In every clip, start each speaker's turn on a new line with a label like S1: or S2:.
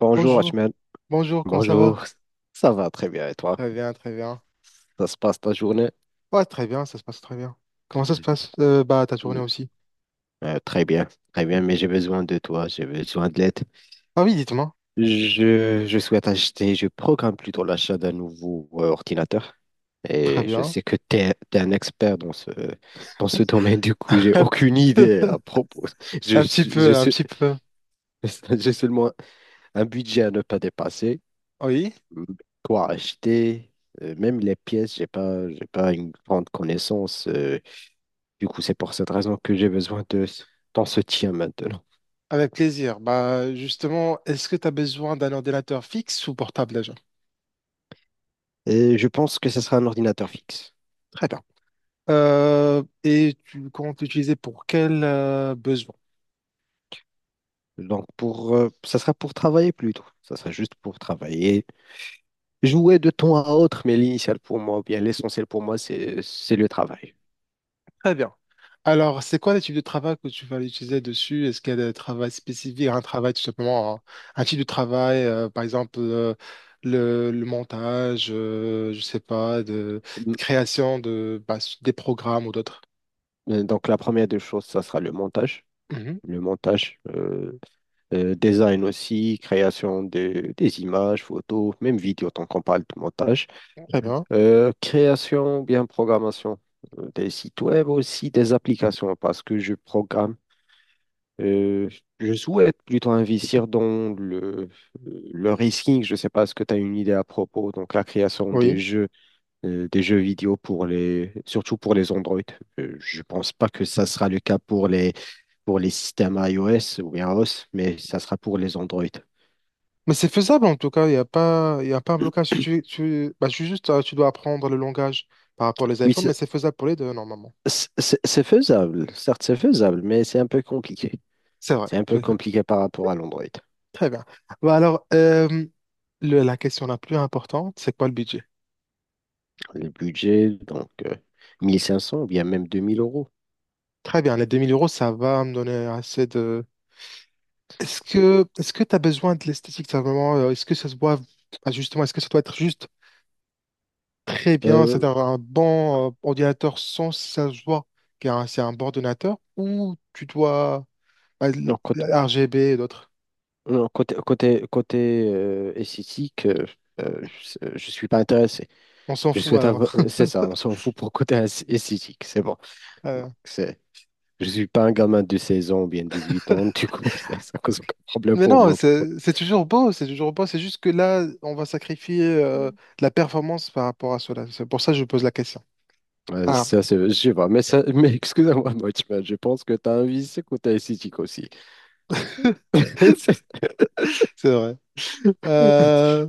S1: Bonjour
S2: Bonjour,
S1: Achmed.
S2: bonjour, comment ça va?
S1: Bonjour. Ça va très bien et toi?
S2: Très bien, très bien.
S1: Ça se passe ta journée?
S2: Ouais, très bien, ça se passe très bien. Comment ça se passe, bah, ta journée
S1: Mm,
S2: aussi?
S1: Très bien, très bien, mais j'ai besoin de toi, j'ai besoin de l'aide.
S2: Ah oui, dites-moi.
S1: Je souhaite acheter, je programme plutôt l'achat d'un nouveau ordinateur.
S2: Très
S1: Et je
S2: bien.
S1: sais que tu es, un expert dans ce domaine, du coup, j'ai aucune idée à propos. Je,
S2: Un petit
S1: suis- je
S2: peu, un
S1: suis,
S2: petit peu, un petit peu.
S1: j'ai seulement un budget à ne pas dépasser.
S2: Oui,
S1: Mm, Quoi acheter? Même les pièces, j'ai pas une grande connaissance. Du coup, c'est pour cette raison que j'ai besoin de ton soutien maintenant.
S2: avec plaisir. Bah, justement, est-ce que tu as besoin d'un ordinateur fixe ou portable déjà?
S1: Et je pense que ce sera un ordinateur fixe.
S2: Très bien. Et tu comptes l'utiliser pour quel besoin?
S1: Donc, ça sera pour travailler plutôt. Ça sera juste pour travailler. Jouer de temps à autre, mais l'initial pour moi, ou bien l'essentiel pour moi, c'est le travail.
S2: Très bien. Alors, c'est quoi le type de travail que tu vas utiliser dessus? Est-ce qu'il y a des travaux spécifiques, un travail tout simplement, hein, type de travail, par exemple le montage, je sais pas, de,
S1: Mm.
S2: de création de bah, des programmes ou d'autres.
S1: Donc, la première des choses, ça sera le montage.
S2: Mhm.
S1: Le montage. Design aussi, création des images, photos, même vidéo, tant qu'on parle de montage.
S2: Très bien,
S1: Création, bien programmation des sites web aussi, des applications, parce que je programme. euh, je souhaite plutôt investir dans le risking. Je ne sais pas ce que tu as une idée à propos. Donc, la création
S2: oui.
S1: des jeux vidéo surtout pour les Android. Je ne pense pas que ça sera le cas pour les systèmes iOS ou bien iOS, mais ça sera pour les Android.
S2: Mais c'est faisable en tout cas, il y a pas un blocage. Tu dois apprendre le langage par rapport aux
S1: Oui,
S2: iPhones, mais
S1: c'est
S2: c'est faisable pour les deux normalement.
S1: c'est- c'est faisable, certes c'est faisable, mais c'est un peu compliqué.
S2: C'est vrai.
S1: C'est un peu compliqué par rapport à l'Android.
S2: Très bien. Bah, alors, la question la plus importante, c'est quoi le budget?
S1: Le budget, donc 1500 ou bien même 2000 euros.
S2: Très bien, les 2000 euros, ça va me donner assez de. Est-ce que tu as besoin de l'esthétique, ça, vraiment, est-ce que ça se voit? Ah, justement, est-ce que ça doit être juste très bien,
S1: Euh,
S2: c'est-à-dire un bon ordinateur sans que ça se voit que, hein, c'est un bon ordinateur, ou tu dois bah,
S1: non, côté,
S2: RGB et d'autres.
S1: non, côté esthétique, euh, je ne suis pas intéressé.
S2: On s'en
S1: Je
S2: fout
S1: souhaite avoir.
S2: alors.
S1: C'est ça, on s'en fout pour côté esthétique, c'est bon. Donc,
S2: Euh,
S1: c'est. Je ne suis pas un gamin de 16 ans ou bien 8 ans, du coup, c'est un problème
S2: Mais
S1: pour
S2: non,
S1: moi.
S2: c'est toujours beau, c'est toujours beau, c'est juste que là, on va sacrifier de la performance par rapport à cela. C'est pour ça que je pose la question. Ah,
S1: Ça, c'est, je sais pas, mais excusez-moi, Watchman, je pense que tu as un vice côté aussi. C'est.
S2: c'est vrai. Euh,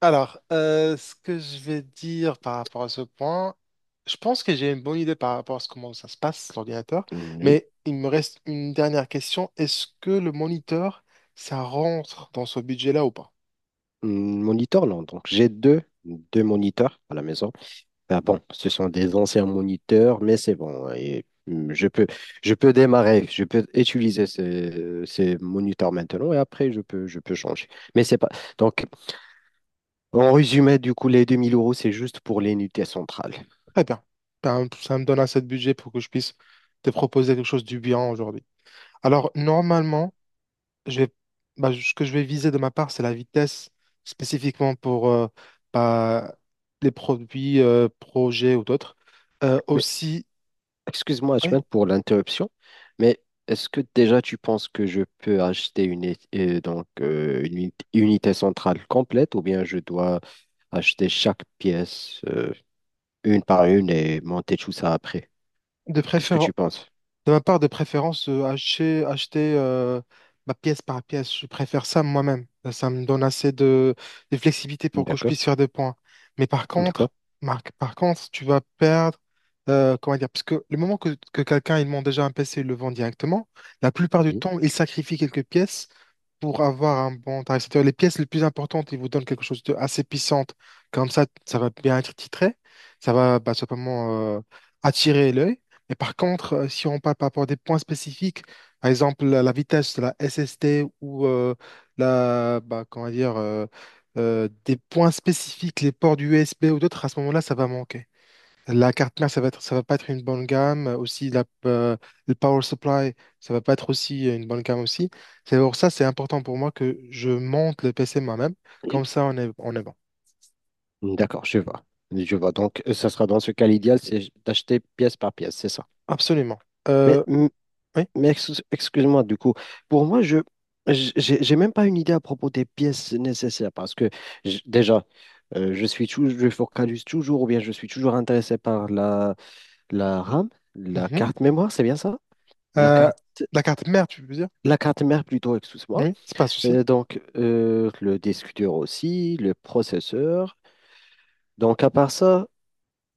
S2: alors, ce que je vais dire par rapport à ce point, je pense que j'ai une bonne idée par rapport à comment ça se passe, l'ordinateur,
S1: Mm. Oui.
S2: mais il me reste une dernière question. Est-ce que le moniteur, ça rentre dans ce budget-là ou pas?
S1: Mm. Moniteur, non. Donc, j'ai deux moniteurs à la maison. Ah bon, ce sont des anciens moniteurs, mais c'est bon. Et, je peux démarrer, je peux utiliser ces moniteurs maintenant et après, je peux changer. Mais c'est pas. Donc, en résumé, du coup, les 2000 euros, c'est juste pour l'unité centrale.
S2: Très bien. Ben, ça me donne assez de budget pour que je puisse te proposer quelque chose du bien aujourd'hui. Alors, normalement, je vais, bah, ce que je vais viser de ma part, c'est la vitesse, spécifiquement pour bah, projets ou d'autres. Aussi,
S1: Excuse-moi,
S2: ouais,
S1: Ahmed, pour l'interruption, mais est-ce que déjà tu penses que je peux acheter une unité centrale complète ou bien je dois acheter chaque pièce une par une et monter tout ça après?
S2: de
S1: Qu'est-ce que
S2: préférence.
S1: tu penses?
S2: De ma part, de préférence, acheter ma pièce par pièce. Je préfère ça moi-même. Ça me donne assez de flexibilité pour que je
S1: D'accord,
S2: puisse faire des points. Mais par contre,
S1: d'accord,
S2: Marc, par contre, tu vas perdre, comment dire, parce que le moment que quelqu'un il monte déjà un PC et le vend directement, la plupart du
S1: oui.
S2: temps, il sacrifie quelques pièces pour avoir un bon tarif. C'est-à-dire les pièces les plus importantes, ils vous donnent quelque chose de assez puissante. Comme ça va bien être titré. Ça va bah, simplement euh, attirer l'œil. Et par contre, si on parle par rapport à des points spécifiques, par exemple la vitesse de la SST ou bah, comment dire, des points spécifiques, les ports du USB ou d'autres, à ce moment-là, ça va manquer. La carte mère, ça va pas être une bonne gamme. Aussi, le power supply, ça va pas être aussi une bonne gamme aussi. C'est pour ça, c'est important pour moi que je monte le PC moi-même.
S1: Oui.
S2: Comme ça, on est bon.
S1: D'accord, je vois. Je vois. Donc, ça sera dans ce cas l'idéal, c'est d'acheter pièce par pièce, c'est ça.
S2: Absolument.
S1: Mais,
S2: Euh, Oui,
S1: excuse-moi, du coup, pour moi, j'ai même pas une idée à propos des pièces nécessaires parce que déjà, je suis toujours, je focalise toujours ou bien je suis toujours intéressé par la RAM, la
S2: mhm.
S1: carte mémoire, c'est bien ça? La
S2: Euh,
S1: carte,
S2: la carte mère, tu veux dire?
S1: la carte mère plutôt, excuse-moi.
S2: Oui, c'est pas un souci.
S1: Donc, le disque dur aussi, le processeur. Donc, à part ça,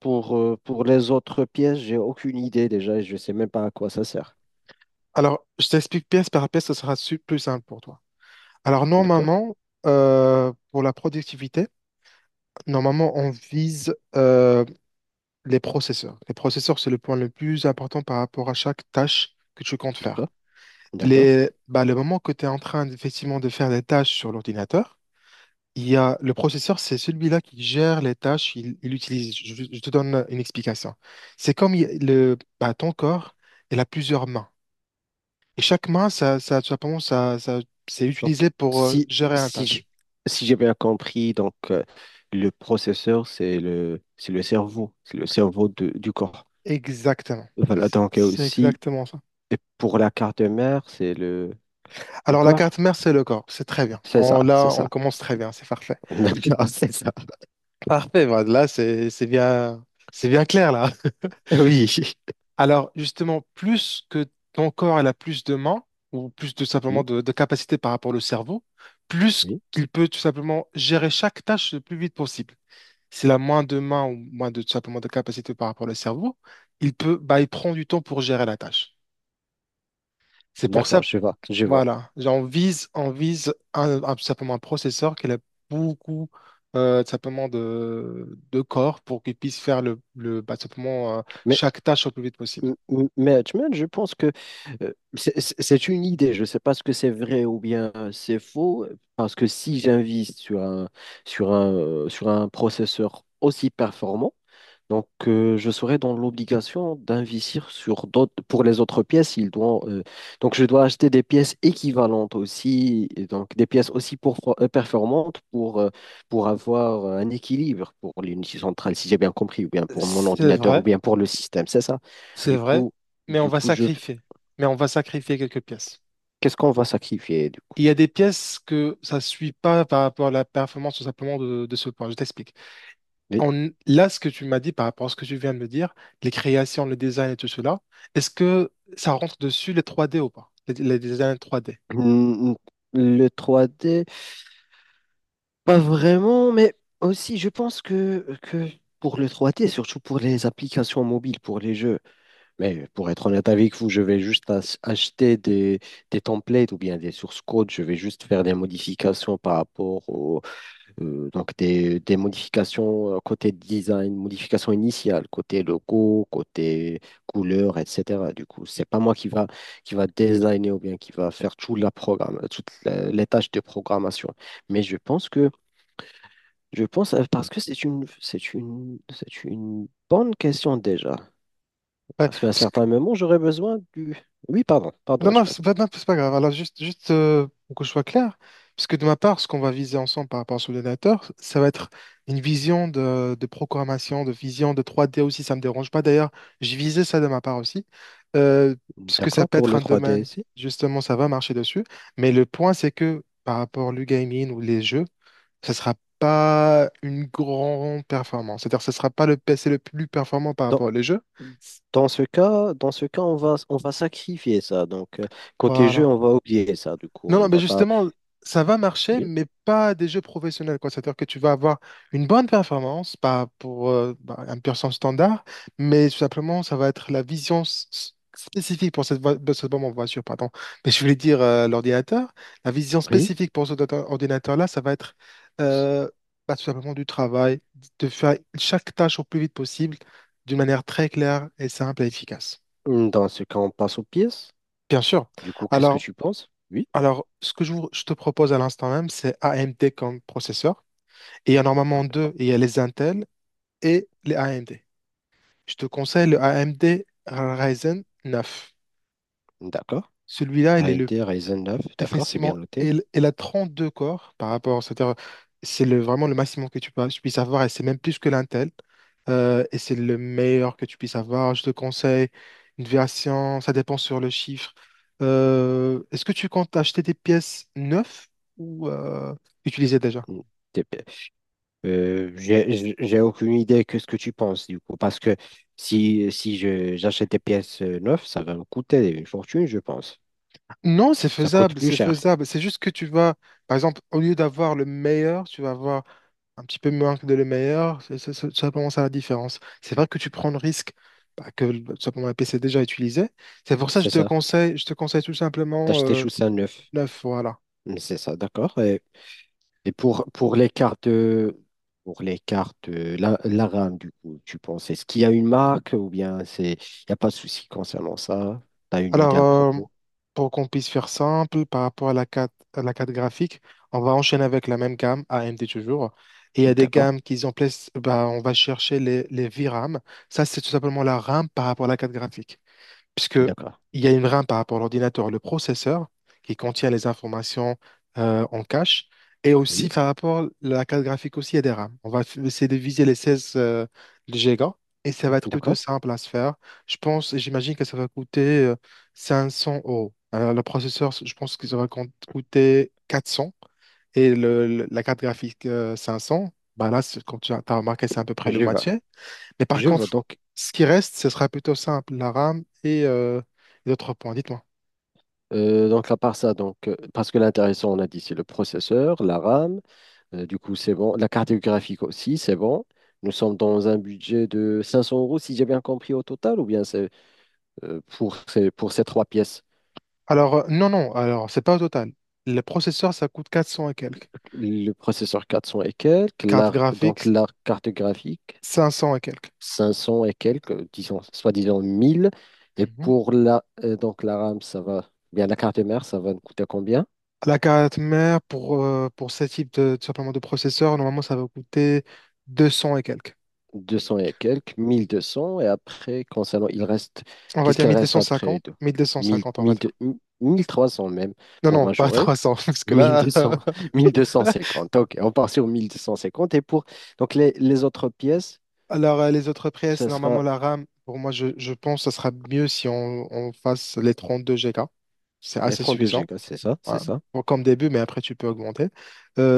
S1: pour les autres pièces, j'ai aucune idée déjà et je sais même pas à quoi ça sert.
S2: Alors, je t'explique pièce par pièce, ce sera plus simple pour toi. Alors,
S1: D'accord.
S2: normalement, pour la productivité, normalement, on vise les processeurs. Les processeurs, c'est le point le plus important par rapport à chaque tâche que tu comptes faire.
S1: D'accord, d'accord.
S2: Le moment que tu es en train effectivement de faire des tâches sur l'ordinateur, le processeur, c'est celui-là qui gère les tâches, il utilise. Je te donne une explication. C'est comme bah, ton corps, il a plusieurs mains. Et chaque main, ça, pardon, ça- ça- c'est
S1: Donc,
S2: utilisé pour
S1: si,
S2: gérer une
S1: si j'ai
S2: tâche.
S1: si j'ai bien compris, donc, le processeur, c'est le cerveau, c'est le cerveau du corps.
S2: Exactement.
S1: Voilà, donc
S2: C'est
S1: aussi,
S2: exactement ça.
S1: et pour la carte mère, c'est le
S2: Alors la
S1: corps?
S2: carte mère, c'est le corps. C'est très bien.
S1: C'est ça,
S2: On, là,
S1: c'est
S2: on
S1: ça.
S2: commence très bien. C'est parfait.
S1: D'accord, c'est ça.
S2: Parfait, bah, là c'est bien, c'est bien clair là.
S1: Oui,
S2: Alors justement, plus que ton corps elle a plus de mains ou plus tout simplement
S1: oui,
S2: de capacité par rapport au cerveau, plus
S1: oui.
S2: qu'il peut tout simplement gérer chaque tâche le plus vite possible. S'il a moins de mains ou moins de tout simplement de capacité par rapport au cerveau, il prend du temps pour gérer la tâche. C'est pour
S1: D'accord,
S2: ça.
S1: je vois, je vois.
S2: Voilà, genre, on vise tout simplement un processeur qui a beaucoup tout simplement de corps pour qu'il puisse faire tout simplement
S1: Mais,
S2: chaque tâche au plus vite possible.
S1: mais tu vois, je pense que c'est une idée. Je ne sais pas ce que c'est vrai ou bien c'est faux, parce que si j'invite sur un, sur un processeur aussi performant, donc, je serai dans l'obligation d'investir sur d'autres, pour les autres pièces, ils doivent, donc je dois acheter des pièces équivalentes aussi, et donc des pièces aussi performantes pour avoir un équilibre pour l'unité centrale, si j'ai bien compris, ou bien pour mon
S2: C'est
S1: ordinateur, ou
S2: vrai,
S1: bien pour le système, c'est ça.
S2: c'est
S1: Du
S2: vrai,
S1: coup,
S2: mais on
S1: du
S2: va
S1: coup, je,
S2: sacrifier, on va sacrifier quelques pièces.
S1: qu'est-ce qu'on va sacrifier, du coup?
S2: Il y a des pièces que ça ne suit pas par rapport à la performance tout simplement de ce point. Je t'explique. Là, ce que tu m'as dit par rapport à ce que tu viens de me dire, les créations, le design et tout cela, est-ce que ça rentre dessus les trois d ou pas? Les designs trois d.
S1: Le, le 3D. Pas vraiment, mais aussi je pense que pour le 3D surtout pour les applications mobiles, pour les jeux, mais pour être honnête avec vous, je vais juste acheter des templates ou bien des sources codes, je vais juste faire des modifications par rapport des modifications côté design, modifications initiales, côté logo, côté couleur, etc. Du coup, c'est pas moi qui va designer ou bien qui va faire tout la programme, toutes les tâches de programmation. Mais je pense parce que c'est une c'est une bonne question déjà.
S2: Ouais,
S1: Parce qu'à un
S2: parce
S1: certain moment, j'aurais besoin du. Oui, pardon, pardon,
S2: non, non,
S1: Hachman.
S2: c'est pas, non, c'est pas grave. Alors, juste, pour que je sois clair, parce que de ma part, ce qu'on va viser ensemble par rapport à ce donateur, ça va être une vision de programmation, de vision de 3D aussi. Ça me dérange pas d'ailleurs. Je visais ça de ma part aussi, euh, parce que ça
S1: D'accord,
S2: peut
S1: pour
S2: être
S1: le
S2: un
S1: 3D
S2: domaine,
S1: ici.
S2: justement, ça va marcher dessus. Mais le point, c'est que par rapport au gaming ou les jeux, ça sera pas une grande performance. C'est-à-dire, ce sera pas le PC le plus performant par
S1: Dans,
S2: rapport aux jeux.
S1: dans ce cas, on va sacrifier ça. Donc, côté jeu,
S2: Voilà.
S1: on va oublier ça. Du coup,
S2: Non,
S1: on
S2: non, mais
S1: va pas.
S2: justement, ça va marcher,
S1: Oui.
S2: mais pas des jeux professionnels, quoi. C'est-à-dire que tu vas avoir une bonne performance, pas pour bah, un percent standard, mais tout simplement, ça va être la vision spécifique pour de cette bombe voiture, pardon. Mais je voulais dire l'ordinateur, la vision
S1: Oui.
S2: spécifique pour cet ordinateur-là, ça va être euh, bah, tout simplement du travail, de faire chaque tâche au plus vite possible, d'une manière très claire et simple et efficace.
S1: Dans ce cas, on passe aux pièces.
S2: Bien sûr.
S1: Du coup, qu'est-ce que
S2: Alors,
S1: tu penses? Oui.
S2: alors, ce que je te propose à l'instant même, c'est AMD comme processeur. Et il y en a normalement deux, il y a les Intel et les AMD. Je te conseille
S1: Oui.
S2: le AMD Ryzen 9.
S1: D'accord.
S2: Celui-là, il est le.
S1: AMD Ryzen 9, d'accord, c'est bien
S2: Effectivement,
S1: noté.
S2: elle a deux corps par rapport, c'est-à-dire, vraiment le maximum que tu puisses avoir et c'est même plus que l'Intel. Et c'est le meilleur que tu puisses avoir. Je te conseille une version, ça dépend sur le chiffre. Est-ce que tu comptes acheter des pièces neuves ou utilisées déjà?
S1: Mm. T'es. J'ai aucune idée que ce que tu penses du coup, parce que si j'achète des pièces neuves, ça va me coûter une fortune, je pense.
S2: Non, c'est
S1: Ça coûte
S2: faisable,
S1: plus
S2: c'est
S1: cher,
S2: faisable. C'est juste que tu vas, par exemple, au lieu d'avoir le meilleur, tu vas avoir un petit peu moins que de le meilleur, c'est vraiment ça commence à la différence. C'est vrai que tu prends le risque bah, que tout simplement un PC déjà utilisé. C'est pour ça que je
S1: c'est
S2: te
S1: ça.
S2: conseille, je te conseille tout simplement
S1: D'acheter tout ça neuf,
S2: neuf, voilà.
S1: C'est ça, d'accord. Et pour les cartes, la RAM, du coup, tu penses, est-ce qu'il y a une marque ou bien c'est, il n'y a pas de souci concernant ça? Tu as une
S2: Alors,
S1: idée à propos?
S2: pour qu'on puisse faire simple par rapport à à la carte graphique, on va enchaîner avec la même gamme, AMD toujours. Et il y a des
S1: D'accord,
S2: gammes qu'ils ont place, bah, on va chercher les VRAM. Ça, c'est tout simplement la RAM par rapport à la carte graphique. Puisque
S1: d'accord,
S2: il y a une RAM par rapport à l'ordinateur, le processeur, qui contient les informations en cache, et aussi
S1: oui,
S2: par rapport à la carte graphique aussi, il y a des RAM. On va essayer de viser les 16 gigas, et ça va être plutôt
S1: d'accord,
S2: simple à se faire. Je pense, j'imagine que ça va coûter 500 euros. Alors, le processeur, je pense que ça va coûter 400 et la carte graphique 500. Bah là, comme tu as t'as remarqué, c'est à peu près le
S1: je
S2: match.
S1: vois,
S2: Mais par
S1: je vois.
S2: contre,
S1: Donc,
S2: ce qui reste, ce sera plutôt simple, la RAM et les autres points. Dites-moi.
S1: à part ça, donc, parce que l'intéressant, on a dit, c'est le processeur, la RAM, du coup, c'est bon. La carte graphique aussi, c'est bon. Nous sommes dans un budget de 500 euros, si j'ai bien compris, au total, ou bien c'est pour ces trois pièces?
S2: Alors, non, non, alors, c'est pas au total. Le processeur, ça coûte 400 et quelques.
S1: Le processeur 400 et quelques,
S2: Carte
S1: donc
S2: graphique,
S1: l'art cartographique
S2: 500 et quelques.
S1: 500 et quelques, disons, soi-disant 1000. Et
S2: Mhm.
S1: pour la RAM, ça va, bien la carte mère, ça va nous coûter combien?
S2: La carte mère, pour ce type de, tout simplement de processeur, normalement, ça va coûter 200 et quelques.
S1: 200 et quelques, 1200. Et après, concernant, il reste,
S2: On va
S1: qu'est-ce
S2: dire
S1: qu'il reste après?
S2: 1250,
S1: De. 1000,
S2: 1250, on va
S1: 1000,
S2: dire.
S1: 1300 même
S2: Non,
S1: pour
S2: non, pas
S1: majorer.
S2: 300, parce que là.
S1: 1200, 1250. Ok, on part sur 1250. Et pour donc les autres pièces,
S2: Alors, les autres pièces,
S1: ce
S2: normalement,
S1: sera
S2: la RAM, pour moi, je pense que ce sera mieux si on fasse les 32 Go. C'est
S1: les
S2: assez
S1: 32
S2: suffisant,
S1: gigas, c'est ça? C'est
S2: hein,
S1: ça?
S2: comme début, mais après, tu peux augmenter.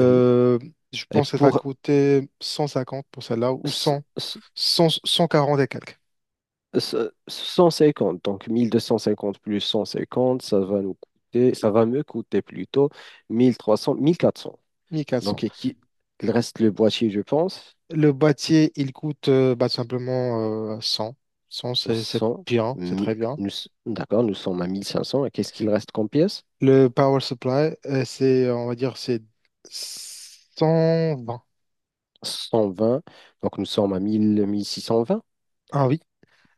S1: Oui.
S2: je
S1: Et
S2: pense que ça va
S1: pour
S2: coûter 150 pour celle-là, ou
S1: ce-
S2: 100,
S1: ce-
S2: 100, 140 et quelques,
S1: 150, donc 1250 plus 150 ça va me coûter plutôt 1300, 1400.
S2: 1400.
S1: Donc, et qui, il reste le boîtier, je pense,
S2: Le boîtier, il coûte bah, simplement 100. 100, c'est
S1: 100
S2: bien, c'est
S1: mi-
S2: très bien.
S1: nous s- d'accord, nous sommes à 1500. Et qu'est-ce qu'il reste comme pièce?
S2: Le power supply, c'est, on va dire, c'est 120.
S1: 120. Donc nous sommes à mille six cent vingt,
S2: Ah oui.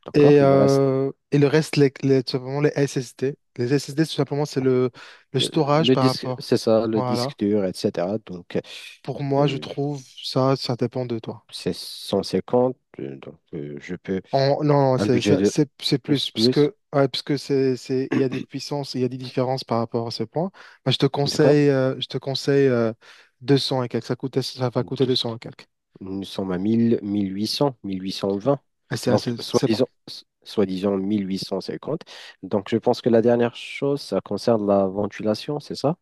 S1: d'accord?
S2: Et,
S1: Il reste
S2: euh, et le reste, tout simplement les SSD. Les SSD, tout simplement, c'est le storage
S1: le
S2: par
S1: disque,
S2: rapport.
S1: c'est ça, le
S2: Voilà.
S1: disque dur, etc. Donc,
S2: Pour moi, je
S1: euh,
S2: trouve ça, ça dépend de toi.
S1: c'est 150, donc je peux
S2: Non, non,
S1: un budget de.
S2: c'est
S1: C'est
S2: plus, parce
S1: plus,
S2: que, ouais, parce que il y a des puissances, il y a des différences par rapport à ce point. Moi, je te
S1: en tout cas.
S2: conseille, euh, je te conseille euh, 200 et quelques. Ça va coûter 200 et quelques.
S1: Nous sommes à 1000, 1800, 1820.
S2: Et c'est
S1: Donc,
S2: c'est bon.
S1: soi-disant, soi-disant 1850. Donc, je pense que la dernière chose, ça concerne la ventilation, c'est ça?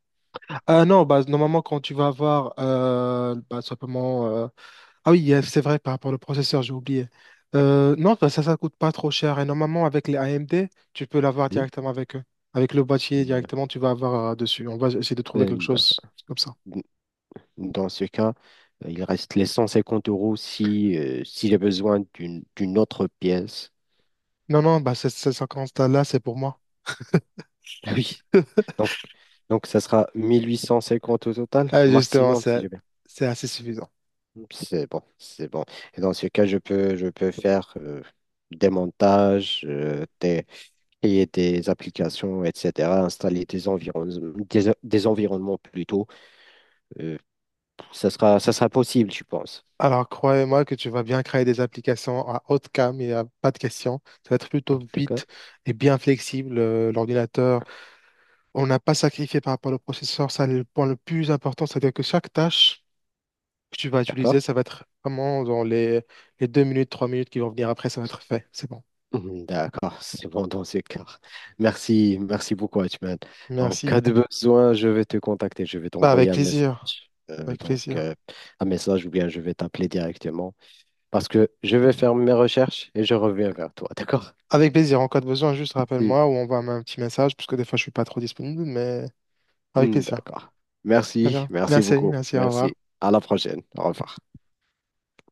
S2: Non, bah, normalement, quand tu vas avoir bah, simplement Ah oui, c'est vrai par rapport au processeur, j'ai oublié. Non, bah, ça coûte pas trop cher. Et normalement, avec les AMD, tu peux l'avoir
S1: Oui.
S2: directement avec eux. Avec le boîtier, directement, tu vas avoir dessus. On va essayer de trouver quelque
S1: Euh,
S2: chose comme ça.
S1: Dans ce cas, il reste les 150 euros si, si j'ai besoin d'une autre pièce.
S2: Non, non, bah, ces 50 là, c'est pour moi.
S1: Oui. Donc, donc, ça sera 1850 au total,
S2: Ah,
S1: au
S2: justement,
S1: maximum, si
S2: c'est
S1: j'ai bien.
S2: c'est assez suffisant.
S1: C'est bon, c'est bon. Et dans ce cas, je peux faire des montages, créer des applications, etc., installer des environnements, des environnements plutôt. Euh, ça sera possible, je pense.
S2: Alors, croyez-moi que tu vas bien créer des applications à haute cam et à pas de question. Ça va être plutôt
S1: D'accord?
S2: vite et bien flexible. L'ordinateur. On n'a pas sacrifié par rapport au processeur, ça c'est le point le plus important, c'est-à-dire que chaque tâche que tu vas utiliser,
S1: D'accord?
S2: ça va être vraiment dans les 2 minutes, 3 minutes qui vont venir après, ça va être fait. C'est bon.
S1: Mhm. D'accord, c'est bon dans ce cas. Merci, merci beaucoup, Hachman. En cas
S2: Merci.
S1: de besoin, je vais te contacter, je vais
S2: Bah,
S1: t'envoyer
S2: avec
S1: un message.
S2: plaisir. Avec
S1: Donc,
S2: plaisir.
S1: un message ou bien je vais t'appeler directement. Parce que je vais faire mes recherches et je reviens vers toi, d'accord?
S2: Avec plaisir. En cas de besoin, juste
S1: Si.
S2: rappelle-moi ou envoie-moi un petit message, parce que des fois, je suis pas trop disponible, mais avec
S1: Hmm.
S2: plaisir.
S1: D'accord.
S2: D'accord
S1: Merci,
S2: bien.
S1: merci
S2: Merci,
S1: beaucoup.
S2: merci, au revoir.
S1: Merci. À la prochaine. Au revoir.